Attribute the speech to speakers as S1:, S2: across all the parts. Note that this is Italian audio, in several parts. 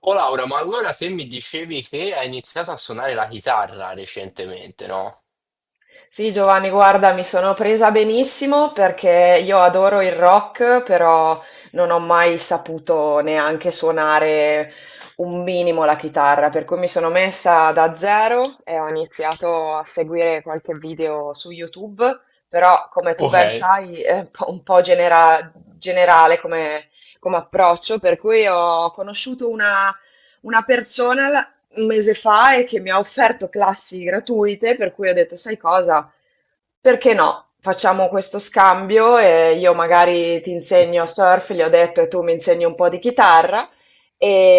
S1: Oh Laura, ma allora se mi dicevi che hai iniziato a suonare la chitarra recentemente, no?
S2: Sì, Giovanni, guarda, mi sono presa benissimo perché io adoro il rock, però non ho mai saputo neanche suonare un minimo la chitarra, per cui mi sono messa da zero e ho iniziato a seguire qualche video su YouTube, però come tu
S1: Ok.
S2: ben sai è un po' generale come approccio, per cui ho conosciuto una persona un mese fa e che mi ha offerto classi gratuite, per cui ho detto, sai cosa? Perché no? Facciamo questo scambio e io magari ti insegno surf, gli ho detto, e tu mi insegni un po' di chitarra.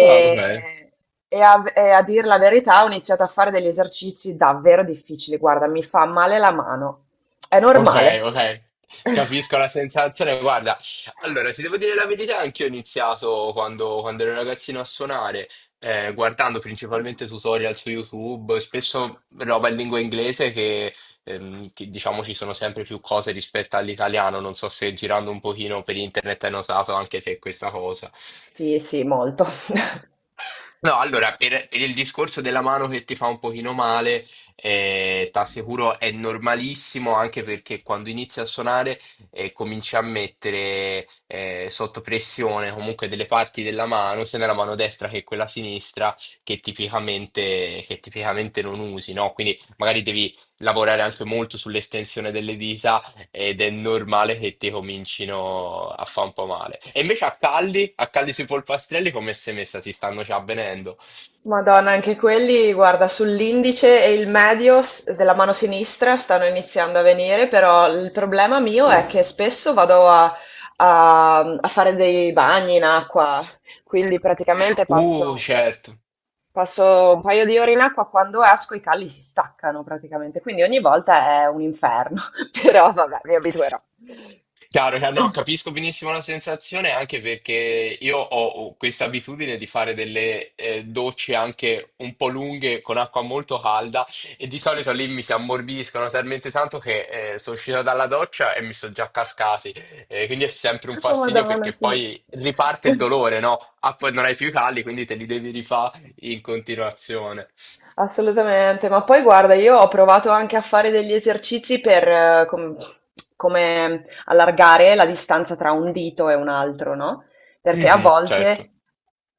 S1: Ah, ok.
S2: e a dir la verità, ho iniziato a fare degli esercizi davvero difficili. Guarda, mi fa male la mano. È
S1: Ok,
S2: normale?
S1: ok. Capisco la sensazione. Guarda, allora ti devo dire la verità, anch'io ho iniziato quando ero ragazzino a suonare, guardando principalmente tutorial su YouTube, spesso roba in lingua inglese che diciamo ci sono sempre più cose rispetto all'italiano. Non so se girando un pochino per internet hai notato anche te questa cosa.
S2: Sì, sì, molto.
S1: No, allora, per il discorso della mano che ti fa un pochino male, t'assicuro è normalissimo anche perché quando inizi a suonare cominci a mettere sotto pressione comunque delle parti della mano, sia nella mano destra che quella sinistra, che tipicamente non usi, no? Quindi magari devi lavorare anche molto sull'estensione delle dita ed è normale che ti comincino a fa' un po' male. E invece a Calli sui polpastrelli come sei messa? Ti stanno già avvenendo?
S2: Madonna, anche quelli, guarda, sull'indice e il medio della mano sinistra stanno iniziando a venire, però il problema mio è che spesso vado a fare dei bagni in acqua, quindi praticamente passo,
S1: Certo.
S2: passo un paio di ore in acqua, quando esco i calli si staccano praticamente, quindi ogni volta è un inferno. Però vabbè, mi abituerò.
S1: Chiaro, chiaro. No, capisco benissimo la sensazione anche perché io ho questa abitudine di fare delle docce anche un po' lunghe con acqua molto calda e di solito lì mi si ammorbidiscono talmente tanto che sono uscito dalla doccia e mi sono già cascati. Quindi è sempre un
S2: Oh
S1: fastidio
S2: Madonna,
S1: perché
S2: sì.
S1: poi riparte il dolore, no? Ah, poi non hai più i calli, quindi te li devi rifare in continuazione.
S2: Assolutamente, ma poi guarda, io ho provato anche a fare degli esercizi per come allargare la distanza tra un dito e un altro, no? Perché a
S1: Mhm, certo.
S2: volte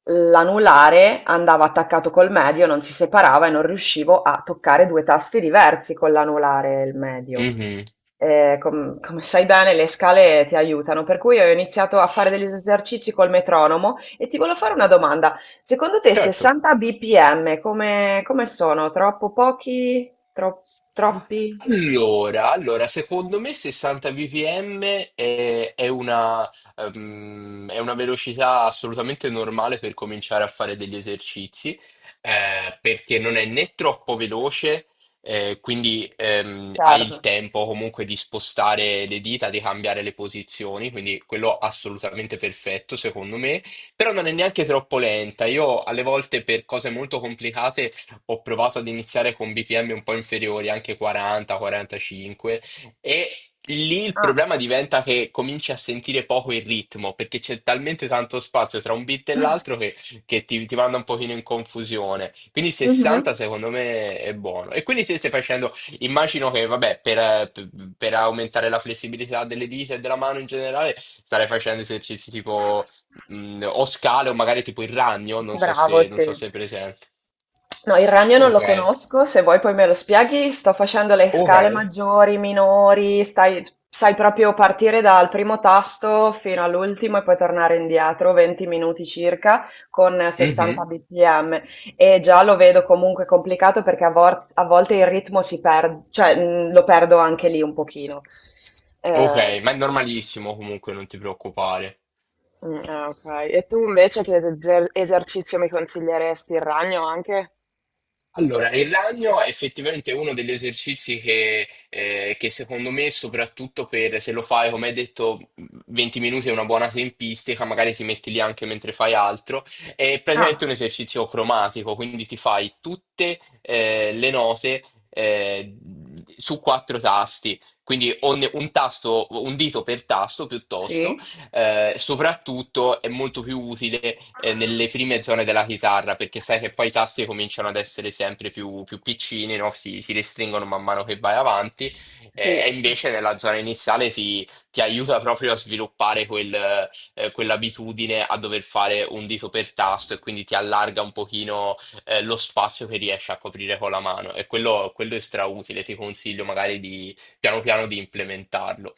S2: l'anulare andava attaccato col medio, non si separava e non riuscivo a toccare due tasti diversi con l'anulare e il medio.
S1: Mhm,
S2: Come sai bene, le scale ti aiutano, per cui ho iniziato a fare degli esercizi col metronomo e ti volevo fare una domanda: secondo te
S1: certo.
S2: 60 bpm come sono? Troppo pochi? Troppi?
S1: Allora, allora, secondo me 60 bpm è, è una, è una velocità assolutamente normale per cominciare a fare degli esercizi, perché non è né troppo veloce, quindi hai il
S2: Certo.
S1: tempo comunque di spostare le dita, di cambiare le posizioni, quindi quello assolutamente perfetto secondo me, però non è neanche troppo lenta. Io alle volte per cose molto complicate ho provato ad iniziare con BPM un po' inferiori, anche 40, 45, e lì il
S2: Ah.
S1: problema diventa che cominci a sentire poco il ritmo, perché c'è talmente tanto spazio tra un beat e l'altro che ti manda un pochino in confusione. Quindi
S2: Mh-mh.
S1: 60 secondo me è buono. E quindi te stai facendo, immagino che, vabbè, per aumentare la flessibilità delle dita e della mano in generale, starei facendo esercizi tipo o scale o magari tipo il ragno, non so
S2: Bravo,
S1: se, non
S2: sì.
S1: so se è presente.
S2: No, il ragno non
S1: Ok.
S2: lo conosco, se vuoi poi me lo spieghi. Sto facendo le
S1: Ok.
S2: scale maggiori, minori, sai, proprio partire dal primo tasto fino all'ultimo e poi tornare indietro, 20 minuti circa, con
S1: Mhm.
S2: 60 bpm. E già lo vedo comunque complicato perché a volte il ritmo si perde, cioè lo perdo anche lì un pochino.
S1: Ok,
S2: Eh,
S1: ma è normalissimo comunque, non ti preoccupare.
S2: Mm, ah, ok. E tu invece che esercizio mi consiglieresti, il ragno anche?
S1: Allora, il ragno è effettivamente uno degli esercizi che secondo me, soprattutto per se lo fai, come hai detto, 20 minuti è una buona tempistica, magari ti metti lì anche mentre fai altro, è praticamente
S2: Ah,
S1: un esercizio cromatico, quindi ti fai tutte, le note, eh, su 4 tasti, quindi un tasto, un dito per tasto piuttosto.
S2: sì?
S1: Soprattutto è molto più utile nelle prime zone della chitarra perché sai che poi i tasti cominciano ad essere sempre più piccini, no? Si restringono man mano che vai avanti
S2: Sì,
S1: e invece nella zona iniziale ti aiuta proprio a sviluppare quell'abitudine a dover fare un dito per tasto e quindi ti allarga un pochino lo spazio che riesci a coprire con la mano e quello è strautile, ti consiglio magari di piano piano di implementarlo.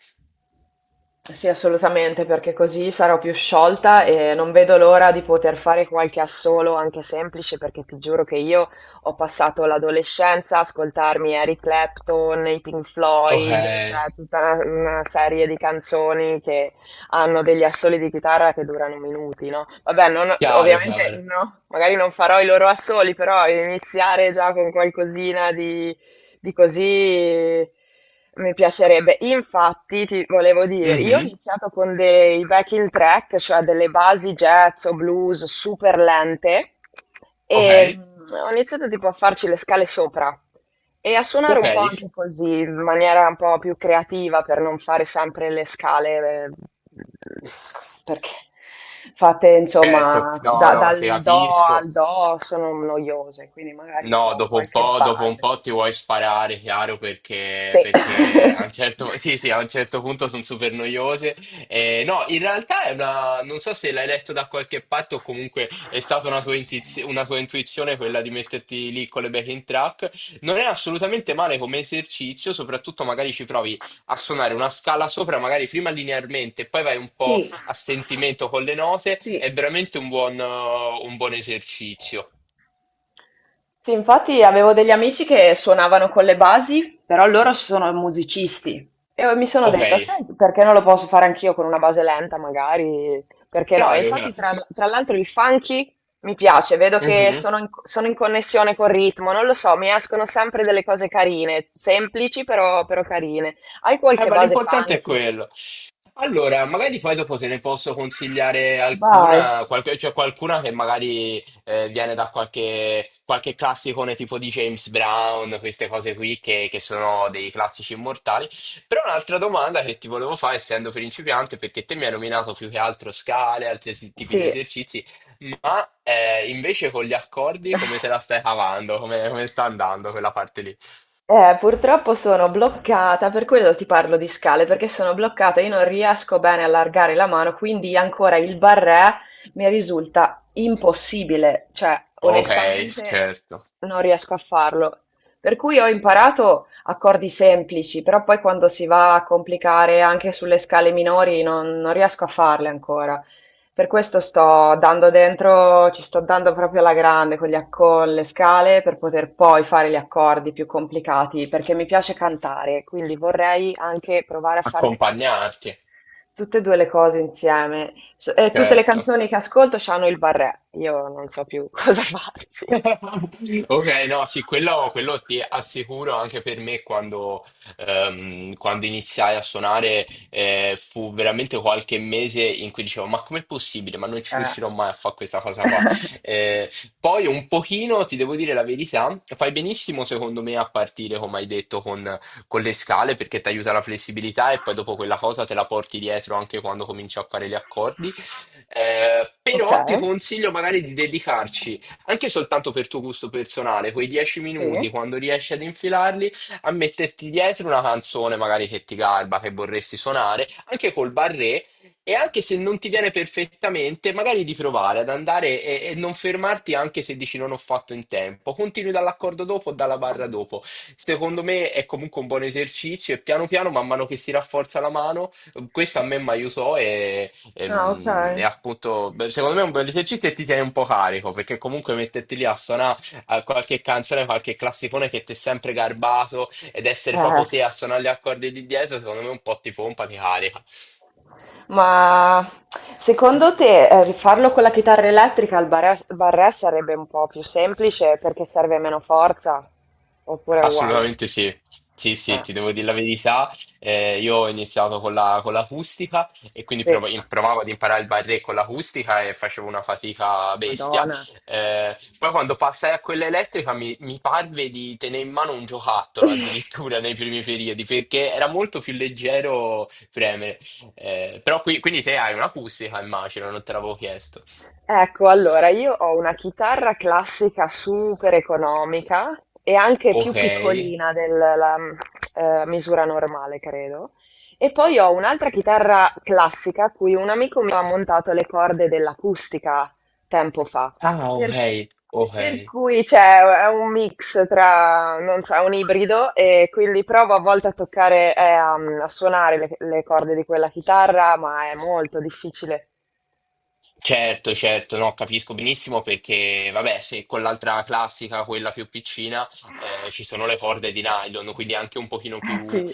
S2: sì, assolutamente, perché così sarò più sciolta e non vedo l'ora di poter fare qualche assolo anche semplice, perché ti giuro che io ho passato l'adolescenza a ascoltarmi Eric Clapton, i Pink
S1: Ok,
S2: Floyd, cioè tutta una serie di canzoni che hanno degli assoli di chitarra che durano minuti, no? Vabbè,
S1: chiaro,
S2: ovviamente
S1: chiaro.
S2: no, magari non farò i loro assoli, però iniziare già con qualcosina di così mi piacerebbe. Infatti, ti volevo dire, io ho
S1: Mhm.
S2: iniziato con dei backing track, cioè delle basi jazz o blues super lente,
S1: Ok,
S2: e ho iniziato tipo a farci le scale sopra e a suonare
S1: ok,
S2: un po' anche così, in maniera un po' più creativa per non fare sempre le scale, perché fatte
S1: certo,
S2: insomma
S1: no, no, ti
S2: dal do
S1: capisco.
S2: al do sono noiose, quindi magari
S1: No,
S2: con
S1: dopo un
S2: qualche
S1: po', dopo un
S2: base.
S1: po' ti vuoi sparare, chiaro, perché,
S2: Sì.
S1: perché a un certo, sì, sì, a un certo punto sono super noiose. No, in realtà è una, non so se l'hai letto da qualche parte o comunque è stata una tua, una tua intuizione quella di metterti lì con le backing track. Non è assolutamente male come esercizio, soprattutto magari ci provi a suonare una scala sopra, magari prima linearmente, e poi vai un po'
S2: Sì,
S1: a sentimento con le note.
S2: sì,
S1: È veramente un un buon esercizio.
S2: sì, infatti avevo degli amici che suonavano con le basi, però loro sono musicisti. E mi sono
S1: Ok.
S2: detta, sai, perché non lo posso fare anch'io con una base lenta, magari? Perché no? E
S1: Chiaro,
S2: infatti,
S1: chiaro.
S2: tra,
S1: Ma,
S2: tra l'altro, il funky mi piace, vedo che
S1: mhm.
S2: sono in connessione col ritmo, non lo so, mi escono sempre delle cose carine, semplici però carine. Hai qualche
S1: Ma
S2: base
S1: l'importante è
S2: funky?
S1: quello. Allora, magari poi dopo te ne posso consigliare
S2: Vai.
S1: alcuna, qualche, cioè qualcuna che magari viene da qualche classicone tipo di James Brown, queste cose qui che sono dei classici immortali. Però un'altra domanda che ti volevo fare, essendo principiante, perché te mi hai nominato più che altro scale, altri tipi
S2: Sì.
S1: di esercizi, ma invece con gli accordi come te la stai cavando? Come, come sta andando quella parte lì?
S2: Purtroppo sono bloccata, per quello ti parlo di scale, perché sono bloccata, io non riesco bene a allargare la mano, quindi ancora il barré mi risulta impossibile, cioè
S1: Okay,
S2: onestamente
S1: certo.
S2: non riesco a farlo. Per cui ho imparato accordi semplici, però poi quando si va a complicare anche sulle scale minori non riesco a farle ancora. Per questo sto dando dentro, ci sto dando proprio alla grande con gli ac con le scale, per poter poi fare gli accordi più complicati, perché mi piace cantare, quindi vorrei anche provare a far
S1: Accompagnarti,
S2: tutte e due le cose insieme. S e tutte le
S1: certo.
S2: canzoni che ascolto c'hanno il barré, io non so più cosa farci.
S1: Ok, no, sì, quello ti assicuro anche per me quando iniziai a suonare fu veramente qualche mese in cui dicevo ma com'è possibile? Ma non ci
S2: Eh.
S1: riuscirò mai a fare questa cosa qua. Eh, poi un pochino, ti devo dire la verità, fai benissimo secondo me a partire, come hai detto, con le scale perché ti aiuta la flessibilità e poi dopo quella cosa te la porti dietro anche quando cominci a fare gli accordi. Però ti
S2: Okay,
S1: consiglio magari di dedicarci anche soltanto per tuo gusto personale, quei dieci
S2: sì.
S1: minuti, quando riesci ad infilarli, a metterti dietro una canzone magari che ti garba, che vorresti suonare, anche col barré, e anche se non ti viene perfettamente, magari di provare ad andare e non fermarti anche se dici non ho fatto in tempo. Continui dall'accordo dopo o dalla barra dopo. Secondo me è comunque un buon esercizio e piano piano, man mano che si rafforza la mano, questo a me mi aiutò e
S2: Ah, okay.
S1: Appunto, beh, secondo me è un bel esercizio e ti tiene un po' carico, perché comunque metterti lì a suonare qualche canzone, qualche classicone che ti è sempre garbato ed essere
S2: Eh.
S1: proprio te a suonare gli accordi lì dietro, secondo me un po' ti pompa, ti carica.
S2: Ma secondo te, farlo con la chitarra elettrica al barré sarebbe un po' più semplice perché serve meno forza? Oppure è uguale?
S1: Assolutamente sì. Sì, sì,
S2: Eh,
S1: ti devo dire la verità. Io ho iniziato con l'acustica e quindi
S2: sì,
S1: provavo ad imparare il barré con l'acustica e facevo una fatica bestia.
S2: Madonna.
S1: Poi quando passai a quella elettrica mi parve di tenere in mano un giocattolo addirittura nei primi periodi perché era molto più leggero premere. Però qui, quindi te hai un'acustica, immagino, non te l'avevo chiesto.
S2: Ecco, allora io ho una chitarra classica super economica e anche più
S1: Ok.
S2: piccolina della misura normale, credo. E poi ho un'altra chitarra classica a cui un amico mi ha montato le corde dell'acustica tempo fa.
S1: Ah, ok,
S2: Per,
S1: ok.
S2: per cui c'è è un mix, tra, non so, è un ibrido, e quindi provo a volte a toccare, a suonare le corde di quella chitarra, ma è molto difficile.
S1: Certo, certo, no, capisco benissimo perché, vabbè, se con l'altra classica, quella più piccina, ci sono le corde di nylon, quindi anche un pochino
S2: Eh
S1: più,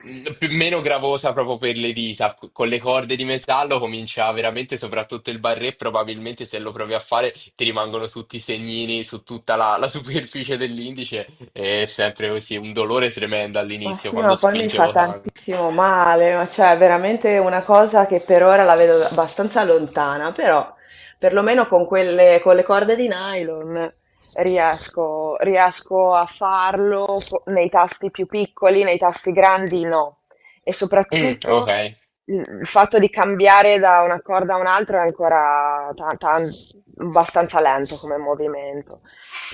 S1: meno gravosa proprio per le dita. Con le corde di metallo comincia veramente, soprattutto il barré, probabilmente se lo provi a fare ti rimangono tutti i segnini su tutta la superficie dell'indice, è sempre così, un dolore tremendo all'inizio
S2: sì,
S1: quando
S2: ma poi mi fa
S1: spingevo tanto.
S2: tantissimo male, ma cioè è veramente una cosa che per ora la vedo abbastanza lontana, però perlomeno con le corde di nylon riesco a farlo, nei tasti più piccoli, nei tasti grandi no. E
S1: Mm, ok,
S2: soprattutto il fatto di cambiare da una corda a un'altra è ancora abbastanza lento come movimento.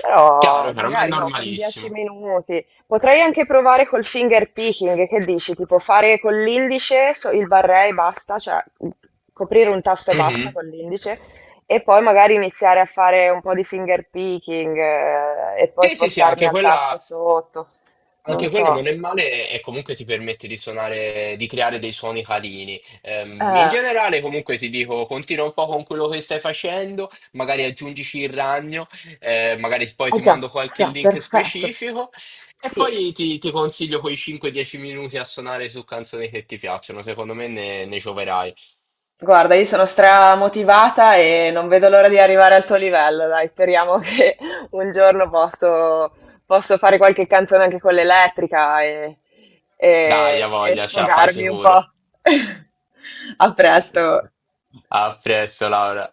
S2: Però
S1: chiaro, chiaro, ma è
S2: magari oh, con 10
S1: normalissimo.
S2: minuti. Potrei anche provare col finger picking, che dici? Tipo fare con l'indice, il barré e basta, cioè coprire un tasto e basta
S1: Mhm.
S2: con l'indice, e poi magari iniziare a fare un po' di finger picking, e poi
S1: Sì, sì, sì,
S2: spostarmi al tasto sotto. Non
S1: anche quella
S2: so.
S1: non è male e comunque ti permette di suonare, di creare dei suoni carini. In
S2: Eh,
S1: generale, comunque ti dico, continua un po' con quello che stai facendo, magari aggiungici il ragno, magari poi
S2: ah
S1: ti mando
S2: già,
S1: qualche
S2: già,
S1: link
S2: perfetto.
S1: specifico e
S2: Sì,
S1: poi ti consiglio quei 5-10 minuti a suonare su canzoni che ti piacciono. Secondo me ne gioverai.
S2: guarda, io sono stramotivata e non vedo l'ora di arrivare al tuo livello, dai, speriamo che un giorno posso fare qualche canzone anche con l'elettrica e,
S1: Dai,
S2: e-
S1: a
S2: e
S1: voglia, ce la fai
S2: sfogarmi un
S1: sicuro.
S2: po'. A presto.
S1: A presto, Laura.